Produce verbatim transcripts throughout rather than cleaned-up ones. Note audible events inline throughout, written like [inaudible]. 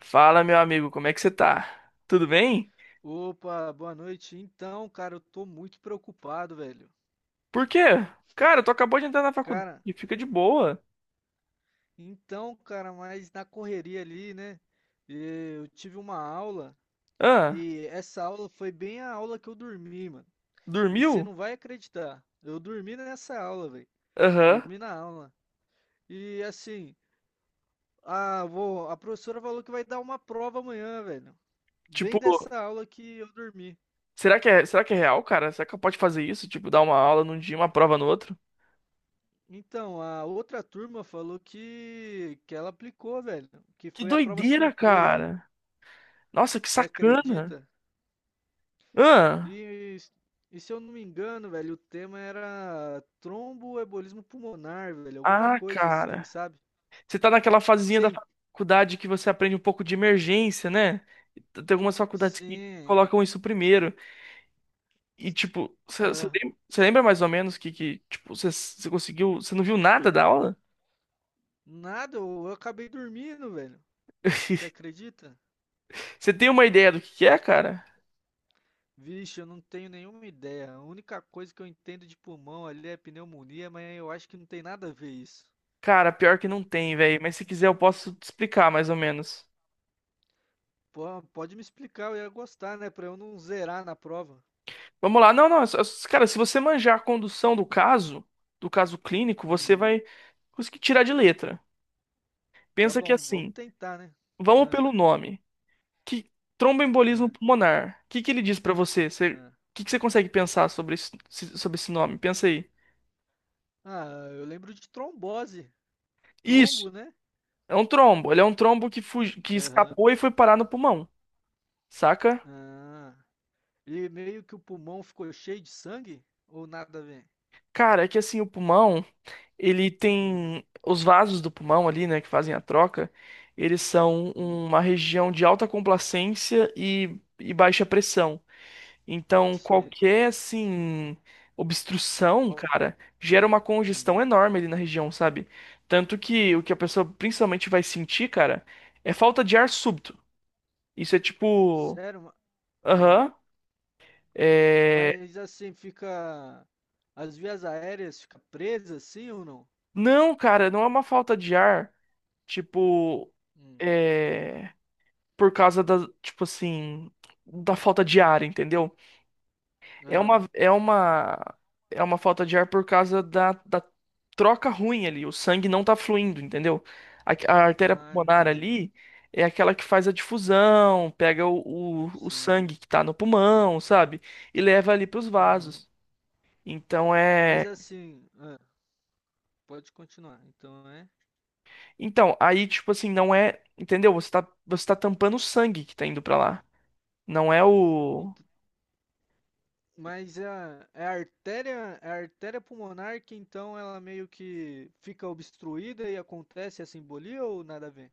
Fala, meu amigo, como é que você tá? Tudo bem? Opa, boa noite. Então, cara, eu tô muito preocupado, velho. Por quê? Cara, tu acabou de entrar na faculdade, Cara, fica de boa. então, cara, mas na correria ali, né? eh, Eu tive uma aula Ah, e essa aula foi bem a aula que eu dormi, mano. E você dormiu? não vai acreditar. Eu dormi nessa aula, velho. Aham. Dormi na aula. E assim, a, vou, a professora falou que vai dar uma prova amanhã, velho. Bem Tipo, dessa aula que eu dormi. será que é, será que é real, cara? Será que pode fazer isso? Tipo, dar uma aula num dia, e uma prova no outro? Então, a outra turma falou que, que ela aplicou, velho, que Que foi a prova doideira, surpresa. cara. Nossa, que Você sacana. acredita? Ah, E, e se eu não me engano, velho, o tema era tromboembolismo pulmonar, velho, alguma ah, coisa assim, cara. sabe? Você tá naquela fasezinha da Sim, faculdade que você aprende um pouco de emergência, né? Tem algumas faculdades que sim. colocam isso primeiro. E, tipo, você Ah, lembra mais ou menos que, que tipo, você conseguiu. Você não viu nada da aula? nada, eu, eu acabei dormindo, velho. Você [laughs] acredita? Você tem uma ideia do que que é, cara? Vixe, eu não tenho nenhuma ideia. A única coisa que eu entendo de pulmão ali é pneumonia, mas eu acho que não tem nada a ver isso. Cara, pior que não tem, velho. Mas se quiser, eu posso te explicar mais ou menos. Pô, pode me explicar, eu ia gostar, né? Pra eu não zerar na prova. Vamos lá. Não, não. é só- é só- Cara, se você manjar a condução do caso, do caso clínico, você Uhum. vai conseguir tirar de letra. Tá Pensa que bom, vamos assim, tentar, né? vamos Ah, pelo nome. Que tromboembolismo ah, pulmonar. O que que ele diz pra você? Você- O ah. que que você consegue pensar sobre esse, sobre esse nome? Pensa aí. Ah, eu lembro de trombose. Trombo, Isso. né? É um trombo. Ele é um trombo que, fugi- que Aham. escapou e foi parar no pulmão, saca? Ah, e meio que o pulmão ficou cheio de sangue? Ou nada a ver? Cara, é que assim, o pulmão, ele Hum, tem. Os vasos do pulmão ali, né, que fazem a troca, eles são hum, uma região de alta complacência e, e baixa pressão. Então, Sim. qualquer, assim, obstrução, Qual- cara, gera uma hum. congestão enorme ali na região, sabe? Tanto que o que a pessoa principalmente vai sentir, cara, é falta de ar súbito. Isso é tipo. Sério? ma- Ah, Aham. É, mas assim, fica. As vias aéreas ficam presas, sim ou não? Não, cara, não é uma falta de ar, tipo, Hum. é, por causa da, tipo assim, da falta de ar, entendeu? É Aham. uma, é uma, é uma falta de ar por causa da, da troca ruim ali, o sangue não tá fluindo, entendeu? A, a artéria Ah, pulmonar entendi. ali é aquela que faz a difusão, pega o, o, o Sim. sangue que tá no pulmão, sabe? E leva ali pros Uhum. vasos. Então Mas é. assim, ah, pode continuar. Então é. Então, aí, tipo assim, não é. Entendeu? Você tá, você tá tampando o sangue que tá indo pra lá. Não é o. Ent- Mas é a, é a artéria, é a artéria pulmonar que então ela meio que fica obstruída e acontece a embolia ou nada a ver?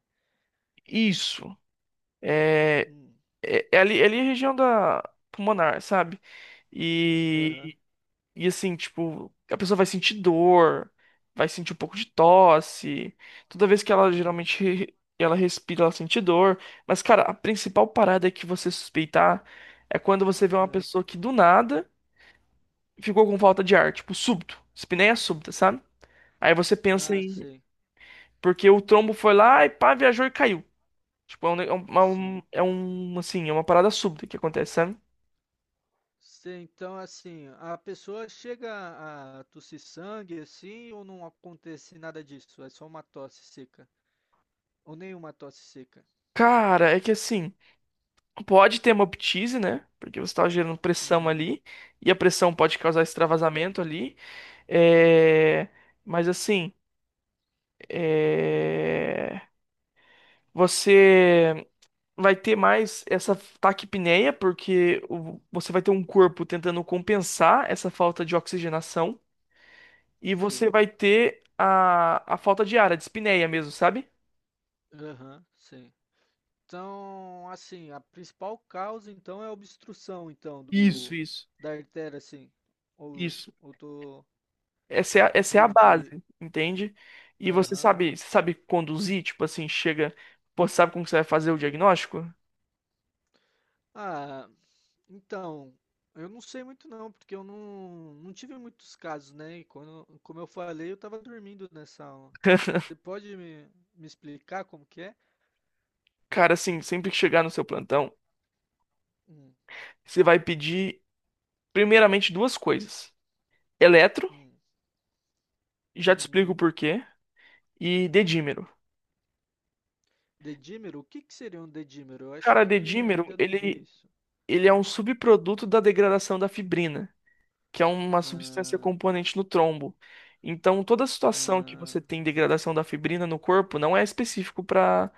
Isso. É, Hum, é, é ali, é ali a região da pulmonar, sabe? aham, E, e assim, tipo, a pessoa vai sentir dor, vai sentir um pouco de tosse. Toda vez que ela uhum, geralmente re- ela respira, ela sente dor. Mas, cara, a principal parada que você suspeitar é quando você vê uma ah, pessoa que do nada ficou com falta de ar, tipo, súbito, espineia súbita, sabe? Aí você pensa ah, em. sei, Porque o trombo foi lá e pá, viajou e caiu. Tipo, é um, ne- é um, é um, sim. é um, assim, é uma parada súbita que acontece, sabe? Sei, então assim, a pessoa chega a tossir sangue assim ou não acontece nada disso? É só uma tosse seca. Ou nenhuma tosse seca. Cara, é que assim, pode ter uma ptise, né? Porque você tá gerando pressão Uhum, ali, e a pressão pode causar extravasamento ali. É... Mas assim, hum, é... você vai ter mais essa taquipneia, porque o- você vai ter um corpo tentando compensar essa falta de oxigenação. E você sei. vai ter a, a falta de ar, a dispneia mesmo, sabe? Aham, sei. Então, assim, a principal causa então é a obstrução então Isso, do isso, da artéria assim. Ou isso. ou tô Essa é a, essa é a entendi. base, entende? E você Aham. sabe, você sabe conduzir, tipo assim, chega, pô, sabe como que você vai fazer o diagnóstico? Ah, então, eu não sei muito não, porque eu não, não tive muitos casos, né? E quando, como eu falei, eu tava dormindo nessa aula. [laughs] Você pode me, me explicar como que é? Cara, assim, sempre que chegar no seu plantão, Hum, você vai pedir primeiramente duas coisas: eletro, hum, já te uhum. explico o porquê, e dedímero. Dedímero? O que que seria um dedímero? Eu acho Cara, que dedímero, ainda não vi ele, isso. ele é um subproduto da degradação da fibrina, que é uma substância Ah, componente no trombo. Então, toda situação que ah, você tem degradação da fibrina no corpo não é específico para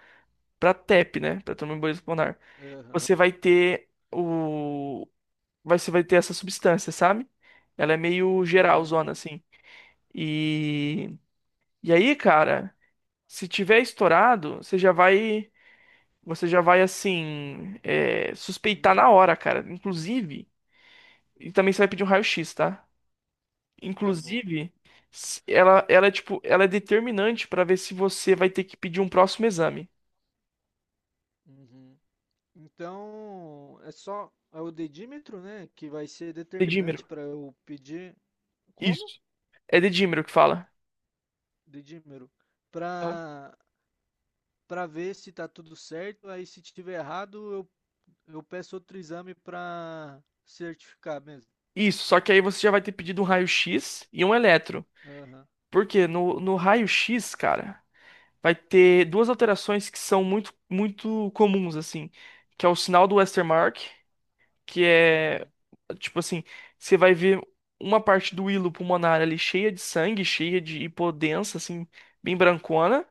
para T E P, né? Para tromboembolismo pulmonar. aham. Você vai ter o vai- você vai ter essa substância, sabe? Ela é meio Ah, geral, zona entendi. assim. E Uhum. e aí, cara, se tiver estourado, você já vai, você já vai assim é, suspeitar No- na hora, cara. Inclusive, e também você vai pedir um raio-x, tá? tá bom. Inclusive, s- ela, ela é tipo, ela é determinante pra ver se você vai ter que pedir um próximo exame. Uhum. Então, é só é o dedímetro, né, que vai ser Dedímero. determinante para eu pedir como? Isso. É dedímero que fala. Dedímetro. Aham. Para para ver se tá tudo certo, aí se tiver errado, eu, eu peço outro exame para certificar mesmo. Isso, só que aí você já vai ter pedido um raio-x e um eletro. Aham. Porque no, no raio-x, cara, vai ter duas alterações que são muito, muito comuns, assim. Que é o sinal do Westermarck, que é, Uhum. tipo assim, você vai ver uma parte do hilo pulmonar ali cheia de sangue, cheia de hipodensa, assim, bem brancona.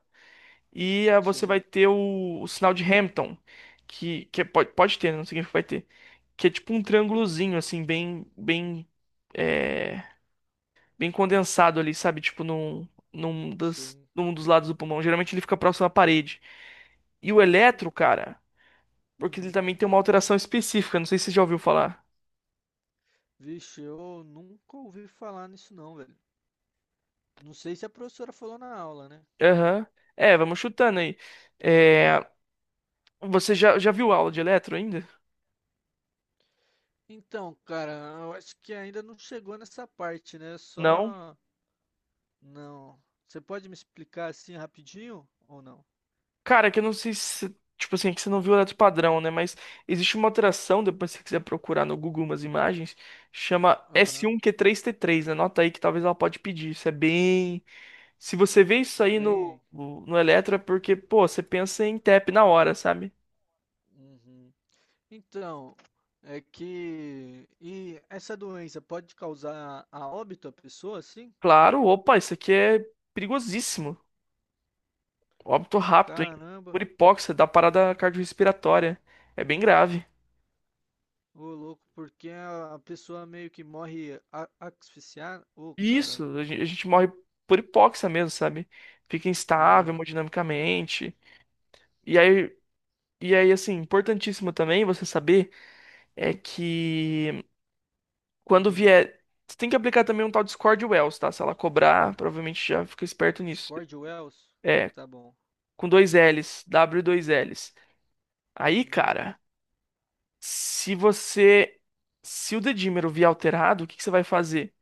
E ah, você Sim, vai ter o, o sinal de Hampton, que, que é- pode, pode ter, né? Não significa que vai ter. Que é tipo um triângulozinho, assim, bem, bem, é, bem condensado ali, sabe? Tipo num, num, das, sim. num dos lados do pulmão. Geralmente ele fica próximo à parede. E o eletro, cara, porque ele Hum. também tem uma alteração específica, não sei se você já ouviu falar. Vixe, eu nunca ouvi falar nisso não, velho. Não sei se a professora falou na aula, né? Aham. É, vamos chutando aí. É, você já, já viu aula de eletro ainda? Então, cara, eu acho que ainda não chegou nessa parte, né? Não? Só. Não. Você pode me explicar assim rapidinho ou não? Cara, que eu não sei se. Tipo assim, é que você não viu o Eletro Padrão, né? Mas existe uma alteração, depois se você quiser procurar no Google umas imagens, chama Aham. S um Q três T três. Anota aí que talvez ela pode pedir. Isso é bem. Se você vê isso aí no, Bem. no no Eletro, é porque, pô, você pensa em T E P na hora, sabe? Uhum. Então, é que. E essa doença pode causar a óbito a pessoa, assim? Claro, opa, isso aqui é perigosíssimo. Óbito rápido, hein? Caramba, Por hipóxia, dá parada cardiorrespiratória. É bem grave. ô louco, porque a a pessoa meio que morre a- asfixiada. Ô caramba. Isso, a gen- a gente morre por hipóxia mesmo, sabe? Fica instável Aham. hemodinamicamente. E aí, e aí, assim, importantíssimo também você saber é que quando Hum. vier. Você tem que aplicar também um tal de Scored Wells, tá? Se ela cobrar, provavelmente já fica esperto Os nisso. Cord Wells? É, Tá bom. com dois L's, W e dois L's. Aí, Uhum. cara, se você. Se o dedímero vier alterado, o que que você vai fazer?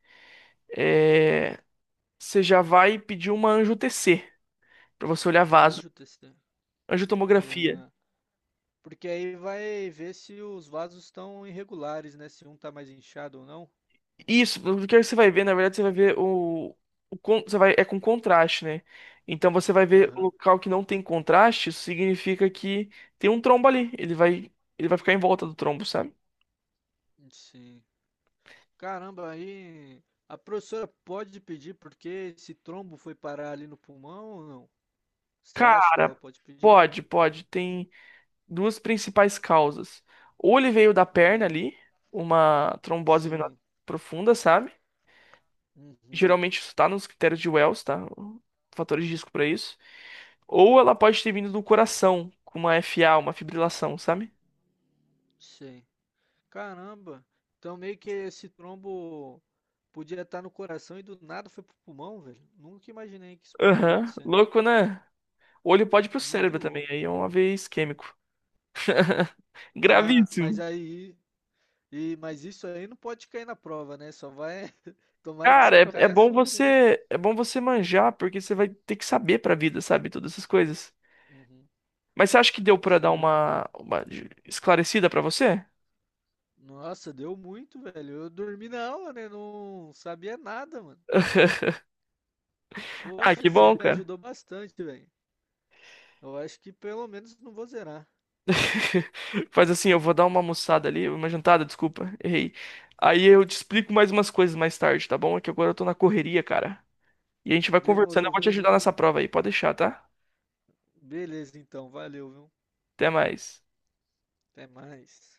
É, você já vai pedir uma anjo T C, pra você olhar vaso, Anjo T C. angiotomografia. Porque aí vai ver se os vasos estão irregulares, né? Se um tá mais inchado ou não. Isso, o que você vai ver, na verdade, você vai ver o, o con- você vai, é com contraste, né? Então você vai ver o Aham, local que não tem contraste, isso significa que tem um trombo ali. Ele vai, ele vai ficar em volta do trombo, sabe? sim. Caramba, aí a professora pode pedir porque esse trombo foi parar ali no pulmão ou não? Você acha que Cara, ela pode pedir? pode, pode. Tem duas principais causas. Ou ele veio da Hum, perna ali, uma trombose venosa sim. profunda, sabe? Uhum, Geralmente isso tá nos critérios de Wells, tá? Fatores de risco pra isso. Ou ela pode ter vindo do coração, com uma F A, uma fibrilação, sabe? sim. Caramba, então meio que esse trombo podia estar no coração e do nada foi pro pulmão, velho. Nunca imaginei que isso podia Aham. acontecer. Louco, né? O olho pode ir pro Muito cérebro também, louco. aí é um A V E isquêmico. [laughs] Mas, mas Gravíssimo. aí E, mas isso aí não pode cair na prova, né? Só vai. [laughs] Tomara que Cara, só é, é caia bom sobre. você, é bom você manjar, porque você vai ter que saber pra vida, sabe? Todas essas coisas. Uhum. Mas você acha que deu pra dar Sim. uma, uma de- esclarecida pra você? Nossa, deu muito, velho. Eu dormi na aula, né? Não sabia nada, mano. Ah, Poxa, que você bom, me cara. ajudou bastante, velho. Eu acho que pelo menos não vou zerar. [laughs] Faz assim, eu vou dar uma almoçada ali, uma jantada, desculpa, errei. Aí eu te explico mais umas coisas mais tarde, tá bom? É que agora eu tô na correria, cara. E a gente vai conversando, eu Demorou, vou te viu? ajudar Muito. nessa prova aí, pode deixar, tá? Beleza, então. Valeu, viu? Até mais. Até mais.